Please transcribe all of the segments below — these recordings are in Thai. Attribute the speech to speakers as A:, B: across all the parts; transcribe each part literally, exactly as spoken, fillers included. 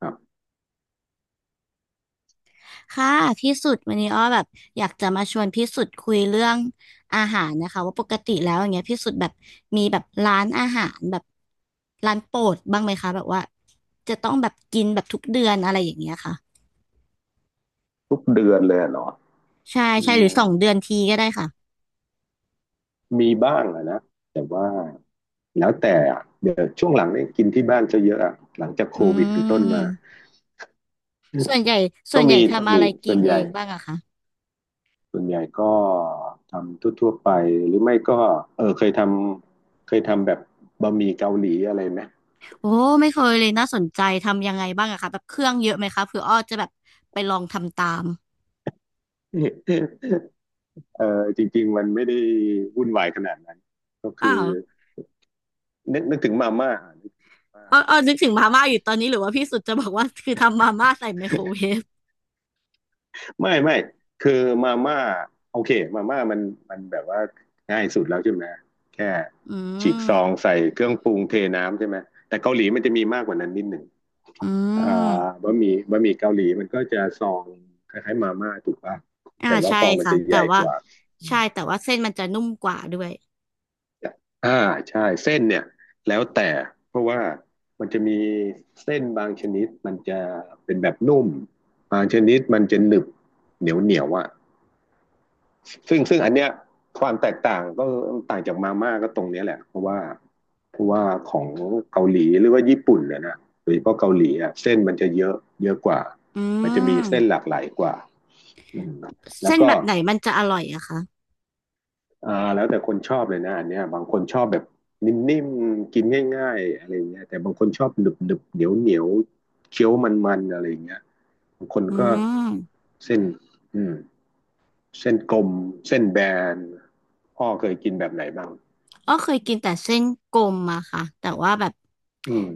A: ครับ
B: ค่ะพี่สุดวันนี้อ้อแบบอยากจะมาชวนพี่สุดคุยเรื่องอาหารนะคะว่าปกติแล้วอย่างเงี้ยพี่สุดแบบมีแบบร้านอาหารแบบร้านโปรดบ้างไหมคะแบบว่าจะต้องแบบกินแบบทุกเดือนอะไรอย่างเงี้ยค่ะ
A: ทุกเดือนเลยเหรอ
B: ใช่
A: อื
B: ใช่หรือส
A: ม
B: องเดือนทีก็ได้ค่ะ
A: มีบ้างอะนะ แต่ว่าแล้วแต่อะเดี๋ยวช่วงหลังเนี่ยกินที่บ้านจะเยอะอะ หลังจากโค
B: อื
A: วิดเป็นต้นมา
B: มส่วนใหญ่ส่
A: ก็
B: วนใหญ่
A: มีก็
B: ทำอะ
A: มี
B: ไรกิ
A: ส่ว
B: น
A: นให
B: เอ
A: ญ่
B: งบ้างอะคะ
A: ส่วนใหญ่ก็ทำทั่วๆไป หรือไม่ก็เออเคยทำเคยทำแบบบะหมี่เกาหลีอะไรไหม
B: โอ้ไม่เคยเลยน่าสนใจทำยังไงบ้างอะคะแบบเครื่องเยอะไหมคะเผื่ออ้อจะแบบไปลองทำตาม
A: เออจริงๆมันไม่ได้วุ่นวายขนาดนั้น ก็
B: เป
A: คือ
B: ล่า
A: นึกนึกถึงมาม่ากมาม่า
B: เออเออนึกถึงมาม่าอยู่ตอนนี้หรือว่าพี่สุดจะบอกว่าคือทำมาม่าใส่ไมโครเวฟ
A: ไม่ไม่คือมาม่าโอเคมาม่ามันมันแบบว่าง่ายสุดแล้วใช่ไหมแค่
B: อื
A: ฉีกซอง
B: ม
A: ใส่เครื่องปรุงเทน้ำใช่ไหมแต่เกาหลีมันจะมีมากกว่านั้นนิดหนึ่ง
B: อื
A: อ่า
B: ม
A: บะหมี่บะหมี่เกาหลีมันก็จะซองคล้ายๆมาม่าถูกป่ะ
B: อ่า
A: แต่ว่า
B: ใช่
A: ซองมัน
B: ค่ะ
A: จะให
B: แต่
A: ญ่ก
B: ว่า
A: ว่า
B: ใช่แต่ว่าเส้นมันจะนุ่มกว่าด้วย
A: อ่าใช่เส้นเนี่ยแล้วแต่เพราะว่ามันจะมีเส้นบางชนิดมันจะเป็นแบบนุ่มบางชนิดมันจะหนึบเหนียวเหนียวอ่ะ ซึ่งซึ่งอันเนี้ยความแตกต่างก็ต่างจากมาม่าก็ตรงนี้แหละเพราะว่าเพราะว่าของเกาหลีหรือว่าญี่ปุ่นเนี่ยนะโดยเฉพาะเกาหลีอ่ะเส้นมันจะเยอะเยอะกว่า
B: อื
A: มันจะมีเส้นห
B: ม
A: ลากหลายกว่าแล้ว
B: เส้น
A: ก็
B: แบบไหนมันจะอร่อยอะคะ
A: อ่าแล้วแต่คนชอบเลยนะอันเนี้ยบางคนชอบแบบนิ่มๆกินง่ายๆอะไรเงี้ยแต่บางคนชอบหนึบๆเหนียวเหนียวๆเคี้ยวมันๆอะไรเงี้ยบางคน
B: อื
A: ก็
B: ม
A: เส้นอืมเส้นกลมเส้นแบนพ่อเคยกินแบบไหนบ้าง
B: อ๋อเคยกินแต่เส้นกลมอะค่ะแต่ว่าแบบ
A: อืม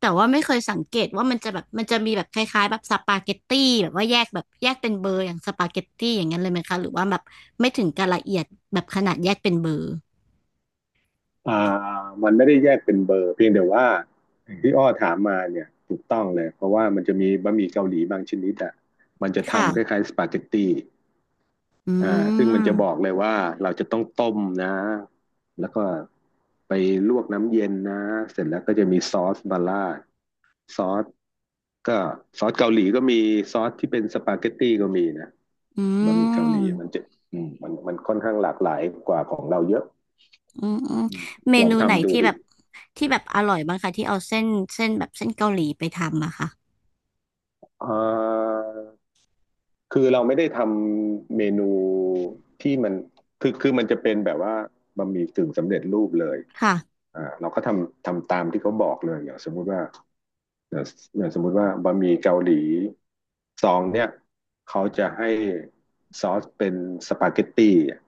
B: แต่ว่าไม่เคยสังเกตว่ามันจะแบบมันจะมีแบบคล้ายๆแบบสปาเกตตี้แบบว่าแยกแบบแยกเป็นเบอร์อย่างสปาเกตตี้อย่างนั้นเลยไหมคะหรือว่าแบบไม่ถึงกับละเอียดแบบขนาดแยกเป็นเบอร์
A: อ่ามันไม่ได้แยกเป็นเบอร์เพียงแต่ว่าอย่างที่อ้อถามมาเนี่ยถูกต้องเลยเพราะว่ามันจะมีบะหมี่เกาหลีบางชนิดอ่ะมันจะ
B: ค่ะ
A: ทำคล้ายๆสปาเกตตี้
B: อื
A: อ่าซึ่งมัน
B: ม
A: จะบอกเลยว่าเราจะต้องต้มนะแล้วก็ไปลวกน้ำเย็นนะเสร็จแล้วก็จะมีซอสบาร่าดซอสก็ซอสเกาหลีก็มีซอสที่เป็นสปาเกตตี้ก็มีนะ
B: อื
A: บะหมี่เกาหลี
B: ม
A: มันจะมันมันค่อนข้างหลากหลายกว่าของเราเยอะ
B: อืมอืม
A: อืม
B: เม
A: ลอง
B: นูไหน
A: ทำดู
B: ที่แบ
A: ดิ
B: บที่แบบอร่อยบ้างคะที่เอาเส้นเส้นแบบเส้นเกาหลีไปทำอะค่ะ
A: เอ่อคือเราไม่ได้ทำเมนูที่มันคือคือมันจะเป็นแบบว่าบะหมี่กึ่งสำเร็จรูปเลย
B: ค่ะ
A: อ่าเราก็ทำทำตามที่เขาบอกเลยอย่างสมมุติว่าอย่างอย่างสมมุติว่าบะหมี่เกาหลีซองเนี่ยเขาจะให้ซอสเป็นสปาเกตตี้อ่ะ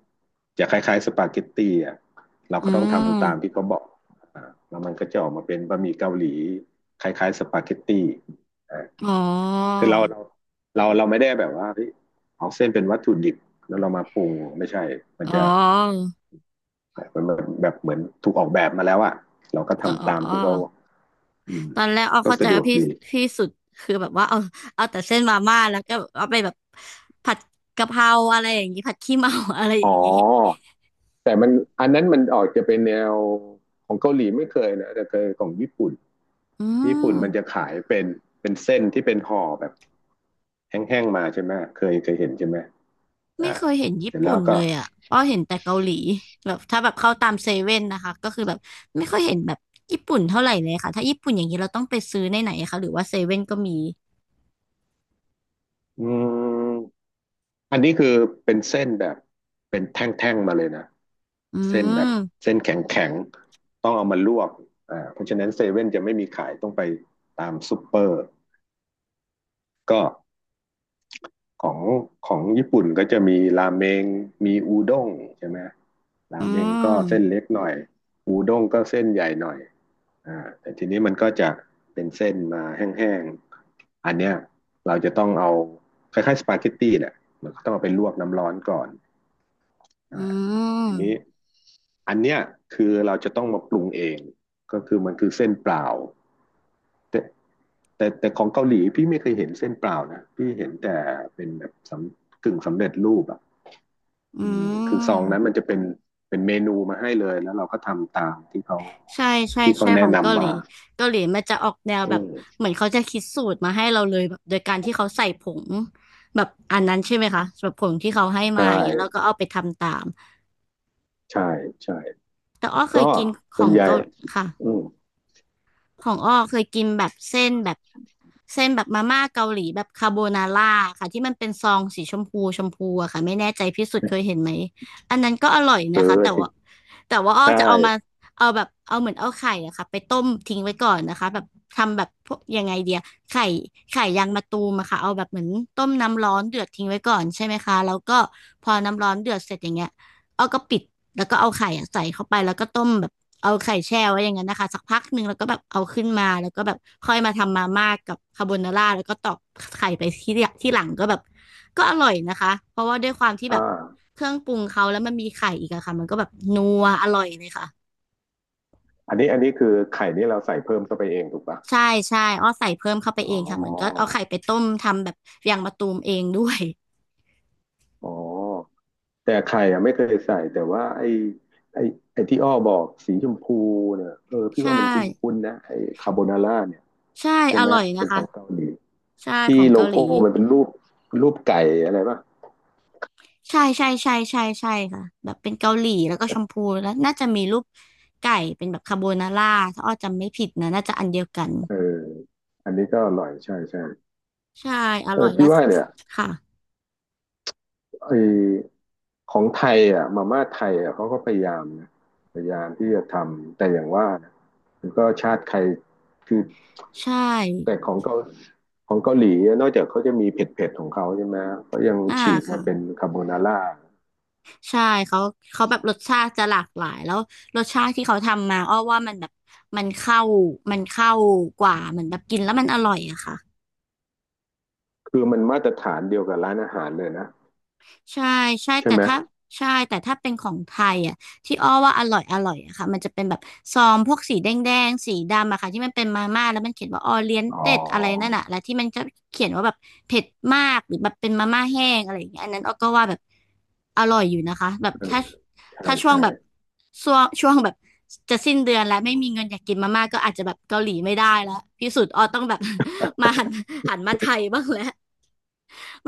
A: จะคล้ายๆสปาเกตตี้อ่ะเรา
B: อื
A: ก็ต้อง
B: ม
A: ทำตามที่เขาบอกอ่าแล้วมันก็จะออกมาเป็นบะหมี่เกาหลีคล้ายๆสปาเกตตี้
B: อ๋อ
A: คือเราเราเราเราไม่ได้แบบว่าเฮ้ยเอาเส้นเป็นวัตถุดิบแล้วเรามาปรุงไม่ใช่ มัน
B: อ๋
A: จะ
B: อ
A: มันแบบแบบเหมือนถูกออกแบบมาแล้วอะเราก็
B: อ๋อ
A: ทำตาม
B: อ๋อ
A: ที่เขาอืม
B: ตอนแรกอ้อ
A: ก็
B: เข้าใจ
A: สะดว
B: ว่า
A: ก
B: พี่
A: ดี
B: พี่สุดคือแบบว่าเอาเอาแต่เส้นมาม่าแล้วก็เอาไปแบบผัดกะเพราอะไรอย่างนี้ผัดขี้เมา อะไรอ
A: อ๋อ
B: ย่างนี้
A: แต่มันอันนั้นมันออกจะเป็นแนวของเกาหลีไม่เคยนะแต่เคยของญี่ปุ่น
B: อื
A: ญี่ปุ่น
B: ม
A: มันจะขายเป็นเป็นเส้นที่เป็นห่อแบบแห้งๆมาใช่ไหมเคยเคยเห็นใช่ไหม
B: ไม่
A: อ่า
B: เคยเห็น
A: เส
B: ญี่
A: ร็จแล้
B: ปุ่
A: ว
B: นเล
A: ก็
B: ยอ่ะอ้อเห็นแต่เกาหลีแบบถ้าแบบเข้าตามเซเว่นนะคะก็คือแบบไม่ค่อยเห็นแบบญี่ปุ่นเท่าไหร่เลยค่ะถ้าญี่ปุ่นอย่างนี้เราต้องไปซื้อในไหนคะหรือว่าเซเว่นก็มี
A: อืม อันนี้คือเป็นเส้นแบบเป็นแท่งๆมาเลยนะ
B: อื
A: เส้นแบบ
B: ม
A: เส้นแข็งๆต้องเอามาลวกอ่าเพราะฉะนั้นเซเว่นจะไม่มีขายต้องไปตามซูเปอร์ก็ของของญี่ปุ่นก็จะมีราเมงมีอูด้งใช่ไหมรา
B: อื
A: เมงก็
B: ม
A: เส้นเล็กหน่อยอูด้งก็เส้นใหญ่หน่อยอ่าแต่ทีนี้มันก็จะเป็นเส้นมาแห้งๆอันเนี้ยเราจะต้องเอาคล้ายๆสปาเกตตี้แหละมันก็ต้องเอาไปลวกน้ำร้อนก่อน อ่า
B: อืม
A: ทีนี้อันเนี้ยคือเราจะต้องมาปรุงเองก็คือมันคือเส้นเปล่าแต่แต่แต่ของเกาหลีพี่ไม่เคยเห็นเส้นเปล่านะพี่เห็นแต่เป็นแบบสำกึ่งสำเร็จรูปอ่ะ
B: อื
A: อืมคือซองนั้น
B: ม
A: มันจะเป็นเป็นเมนูมาให้เลยแล้วเราก็ทำตามที่เขา
B: ใช่ใช่
A: ที่เขา
B: ใช่ข
A: แนะ
B: องเกา
A: นำ
B: หลี
A: มา
B: เกาหลีมันจะออกแนว
A: อื
B: แบบ
A: ม
B: เหมือนเขาจะคิดสูตรมาให้เราเลยแบบโดยการที่เขาใส่ผงแบบอันนั้นใช่ไหมคะแบบผงที่เขาให้มา
A: ใช่
B: อย่างเงี้ยแล้วก็เอาไปทำตาม
A: ใช่ใช่
B: แต่อ้อเคย
A: ก็
B: กินข
A: ส่ว
B: อ
A: น
B: ง
A: ใหญ่
B: เกาค่ะ
A: อืม
B: ของอ้อเคยกินแบบเส้นแบบเส้นแบบมาม่าเกาหลีแบบคาโบนาร่าค่ะที่มันเป็นซองสีชมพูชมพูอะค่ะไม่แน่ใจพี่สุดเคยเห็นไหมอันนั้นก็อร่อย
A: เ
B: นะคะแต่
A: คย
B: ว่าแต่ว่าอ้อ
A: ใช
B: จะเอามา
A: ่
B: เอาแบบเอาเหมือนเอาไข่อะค่ะไปต้มทิ้งไว้ก่อนนะคะแบบทำแบบพวกยังไงเดียไข่ไข่ยางมะตูมอะค่ะเอาแบบเหมือนต้มน้ำร้อนเดือดทิ้งไว้ก่อนใช่ไหมคะแล้วก็พอน้ำร้อนเดือดเสร็จอย่างเงี้ยอ้อก็ปิดแล้วก็เอาไข่อะใส่เข้าไปแล้วก็ต้มแบบ เอาไข่แช่ไว้อย่างนั้นนะคะสักพักหนึ่งแล้วก็แบบเอาขึ้นมาแล้วก็แบบค่อยมาทำมาม่ากับคาโบนาร่าแล้วก็ตอกไข่ไปที่ที่หลังก็แบบก็อร่อยนะคะเพราะว่าด้วยความที่แบ
A: อ่า
B: บเครื่องปรุงเขาแล้วมันมีไข่อีกอะค่ะมันก็แบบนัวอร่อยเลยค่ะ
A: อันนี้อันนี้คือไข่นี่เราใส่เพิ่มเข้าไปเองถูกปะ
B: ใช่ใช่อ้อใส่เพิ่มเข้าไป
A: อ๋
B: เองค่ะเหมือนก็เอา
A: อ
B: ไข่ไปต้มทำแบบยางมะตูมเองด้วย
A: อ๋อ แต่ไข่อะไม่เคยใส่แต่ว่าไอ้ไอ้ไอ้ที่อ้อบอกสีชมพูเนี่ยเออพี่
B: ใช่
A: ว่ามันคุ้นๆนะไอ้คาโบนาร่าเนี่ย
B: ใช่
A: ใช่
B: อ
A: ไหม
B: ร่อยนะ
A: เป็นข
B: คะ
A: องเกาหลี
B: ใช่ข
A: ที่
B: อง
A: โล
B: เกาหลี
A: โก้มันเป็นรูปรูปไก่อะไรป่ะ
B: ใช่ใช่ใช่ใช่ใช่ค่ะแบบเป็นเกาหลีแล้วก็ชมพูแล้วน่าจะมีรูปไก่เป็นแบบคาโบนาร่าถ้าอ้อจำไม่ผิดนะน่าจะอันเดียวกัน
A: เอออันนี้ก็อร่อยใช่ใช่
B: ใช่อ
A: เอ
B: ร่อ
A: อ
B: ยแล้
A: พี่
B: ว
A: ว่าเนี่ย
B: ค่ะ
A: ไอของไทยอ่ะมาม่าไทยอ่ะเขาก็พยายามนะพยายามที่จะทำแต่อย่างว่านะมันก็ชาติใครคือ
B: ใช่
A: แต่ของเกาของเกาหลีอะนอกจากเขาจะมีเผ็ดๆของเขาใช่ไหมเขายัง
B: อ่า
A: ฉีกมา
B: ค่ะ
A: เป็นคาโบนาร่า
B: ใช่เขาเขาแบบรสชาติจะหลากหลายแล้วรสชาติที่เขาทำมาอ้อว่ามันแบบมันเข้ามันเข้ากว่าเหมือนแบบกินแล้วมันอร่อยอะค่ะ
A: คือมันมาตรฐานเดียวกับร้านอาหารเลยนะ
B: ใช่ใช่
A: ใช่
B: แต่
A: ไหม
B: ถ้าใช่แต่ถ้าเป็นของไทยอ่ะที่อ้อว่าอร่อยอร่อยอะค่ะมันจะเป็นแบบซองพวกสีแดงแดงสีดำอะค่ะที่มันเป็นมาม่าแล้วมันเขียนว่าออเรียน
A: อ๋อ
B: เต็ดอะไรนั่นอะแล้วที่มันจะเขียนว่าแบบเผ็ดมากหรือแบบเป็นมาม่าแห้งอะไรอย่างเงี้ยอันนั้นอ้อก็ว่าแบบอร่อยอยู่นะคะแบบ
A: เออ
B: ถ้า
A: ใช่
B: ถ้าช่วง
A: ใช่
B: แบบช่วงช่วงแบบจะสิ้นเดือนแล้วไม่มีเงินอยากกินมาม่าก็อาจจะแบบเกาหลีไม่ได้แล้วพิสูจน์อ้อต้องแบบ มาหันหันมาไทยบ้างแล้ว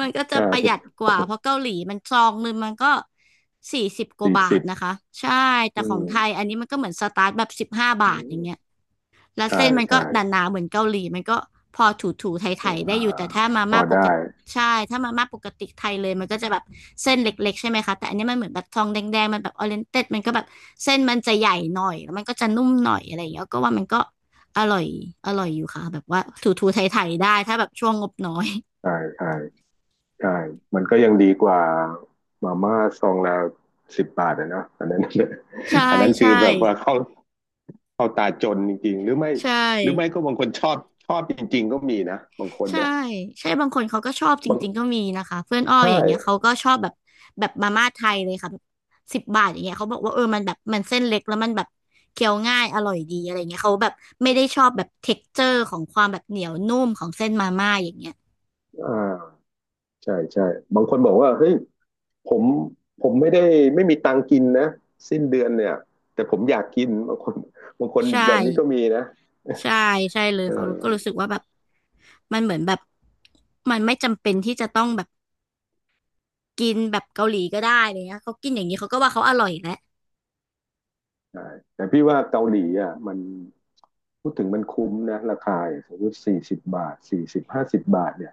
B: มันก็
A: ใ
B: จะประหยัด
A: ช่
B: กว่าเพราะเกาหลีมันซองหนึงมันก็สี่สิบกว่า
A: สี่
B: บา
A: สิ
B: ท
A: บ
B: นะคะใช่ แต่
A: อื
B: ของไทย
A: ม
B: อันนี้มันก็เหมือนสตาร์ทแบบสิบห้าบาทอย่างเงี้ยแล้ว
A: ใช่
B: เส้นมันก็
A: ใช่
B: หนาๆเหมือนเกาหลีมันก็พอถูๆไทยๆได้
A: อ่า
B: อยู่แต่ถ้ามา
A: พอ
B: ม่าปก
A: ได้
B: ติใช่ถ้ามาม่าปกติไทยเลยมันก็จะแบบเส้นเล็กๆใช่ไหมคะแต่อันนี้มันเหมือนแบบทองแดงๆมันแบบออเรนเต็ดมันก็แบบเส้นมันจะใหญ่หน่อยแล้วมันก็จะนุ่มหน่อยอะไรอย่างเงี้ยก็ว่ามันก็อร่อยอร่อยอยู่ค่ะแบบว่าถูๆไทยๆได้ถ้าแบบช่วงงบน้อย
A: ใช่ใช่ ใช่มันก็ยังดีกว่ามาม่าซองละสิบบาทอะเนาะอันนั้น
B: ใช่
A: อันนั้นคื
B: ใช่
A: อแบบว่า เข้าเข้าตาจนจริงๆหรือไม่
B: ใช่
A: หรือไม่ก็บางคนชอบชอบจริงๆก็มีนะบางคน
B: ใช่
A: นะ
B: ใช่บางคนเขาก็ชอบจ
A: บาง
B: ริงๆก็มีนะคะเพื่อนอ้อ
A: ใช่
B: อย่างเงี้ยเขาก็ชอบแบบแบบมาม่าไทยเลยค่ะแบบสิบบาทอย่างเงี้ยเขาบอกว่าเออมันแบบมันเส้นเล็กแล้วมันแบบเคี้ยวง่ายอร่อยดีอะไรเงี้ยเขาแบบไม่ได้ชอบแบบเท็กเจอร์ของความแบบเหนียวนุ่มของเส้นมาม่าอย่างเงี้ย
A: อ่าใช่ใช่บางคนบอกว่าเฮ้ยผมผมไม่ได้ไม่มีตังค์กินนะสิ้นเดือนเนี่ยแต่ผมอยากกินบางคนบางคน
B: ใช่
A: แบบนี้ก็มีนะ
B: ใช่ใช่เลยเขาก็
A: เออ
B: รู้สึกว่าแบบมันเหมือนแบบมันไม่จำเป็นที่จะต้องแบบกินแบบเกาหลีก็ได้อะไรเลยนะเขากินอย่างนี้เขาก็ว่าเขาอร่อยแล้ว
A: ใช่แต่พี่ว่าเกาหลีอ่ะมัน พูดถึงมันคุ้มนะราคายสมมติสี่สิบบาทสี่สิบห้าสิบบาทเนี่ย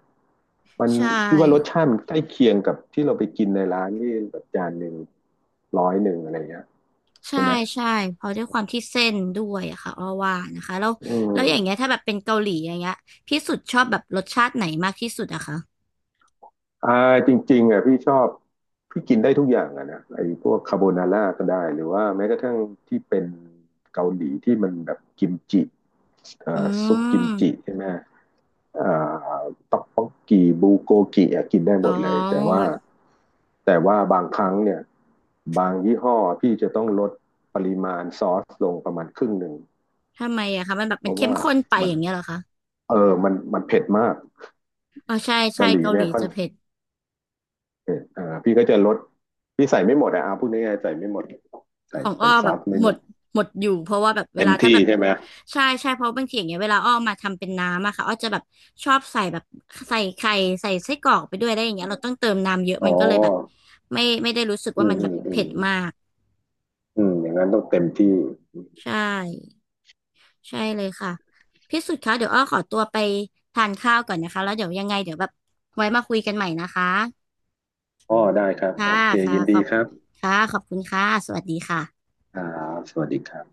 A: มัน
B: ใช่
A: พี่ว่ารสชาติมันใกล้เคียงกับที่เราไปกินในร้านที่แบบจานหนึ่งร้อยหนึ่งอะไรเงี้ย
B: ใช่
A: ใช่ไหม
B: ใช่เพราะด้วยความที่เส้นด้วยอะค่ะอ้อว่านะคะแล้ว
A: อื
B: แล้วอย่างเงี้ย
A: ม
B: ถ้าแบบเป็นเกาหลีอย่างเงี้ยพี่สุดชอบแบบรสชาติไหนมากที่สุดอะคะ
A: อ่าจริงๆอ่ะพี่ชอบพี่กินได้ทุกอย่างอ่ะนะไอ้พวกคาโบนาร่าก็ได้หรือว่าแม้กระทั่งที่เป็นเกาหลีที่มันแบบกิมจิเอ่
B: อื
A: อซุปกิม
B: ม
A: จิใช่ไหมเอ่อต๊อกบกกีบูโกกิอะกินได้ห
B: อ๋
A: ม
B: อ
A: ดเลยแต่ว่า แต่ว่าบางครั้งเนี่ยบางยี่ห้อพี่จะต้องลดปริมาณซอสลงประมาณครึ่งหนึ่ง
B: ทำไมอะคะมันแบบ
A: เพ
B: มัน
A: ราะ
B: เข้ม
A: ว่า
B: ข้นไป
A: มั
B: อ
A: น
B: ย่างเงี้ยเหรอคะ
A: เออมันมันเผ็ดมาก
B: อ๋อใช่
A: เกา
B: ใช่
A: หลี
B: เกาห
A: เนี่ย
B: ลี
A: ค่อน
B: จะเผ็ด
A: เผ็ดอ่าพี่ก็จะลดพี่ใส่ไม่หมดอะอาพูดง่ายๆใส่ไม่หมดใส่
B: ของอ้
A: ใส่
B: อ
A: ซ
B: แบ
A: อ
B: บ
A: สไม่
B: หม
A: หม
B: ด
A: ด
B: หมดอยู่เพราะว่าแบบเว
A: เต็ม
B: ลาถ้า
A: ที่
B: แบบ
A: ใช่ไหม
B: ใช่ใช่เพราะบางทีอย่างเงี้ยเวลาอ้อมาทำเป็นน้ำอะค่ะอ้อจะแบบชอบใส่แบบใส่ไข่ใส่ไส้กรอกไปด้วยได้อย่างเงี้ยเราต้องเติมน้ำเยอะ
A: อ๋อ
B: มันก็เลยแบบไม่ไม่ได้รู้สึก
A: อื
B: ว่า
A: ม
B: มัน
A: อื
B: แบบ
A: มอื
B: เผ็
A: ม
B: ดมาก
A: อืมอย่างนั้นต้องเต็มที่
B: ใช่ใช่เลยค่ะพี่สุดคะเดี๋ยวอ้อขอตัวไปทานข้าวก่อนนะคะแล้วเดี๋ยวยังไงเดี๋ยวแบบไว้มาคุยกันใหม่นะคะ
A: อ๋อได้ครับโอ
B: ค่ะ
A: เค
B: ค่ะ
A: ยิน
B: ข
A: ดี
B: อบ
A: ครับ
B: ค่ะขอบคุณค่ะสวัสดีค่ะ
A: อ่าสวัสดีครับ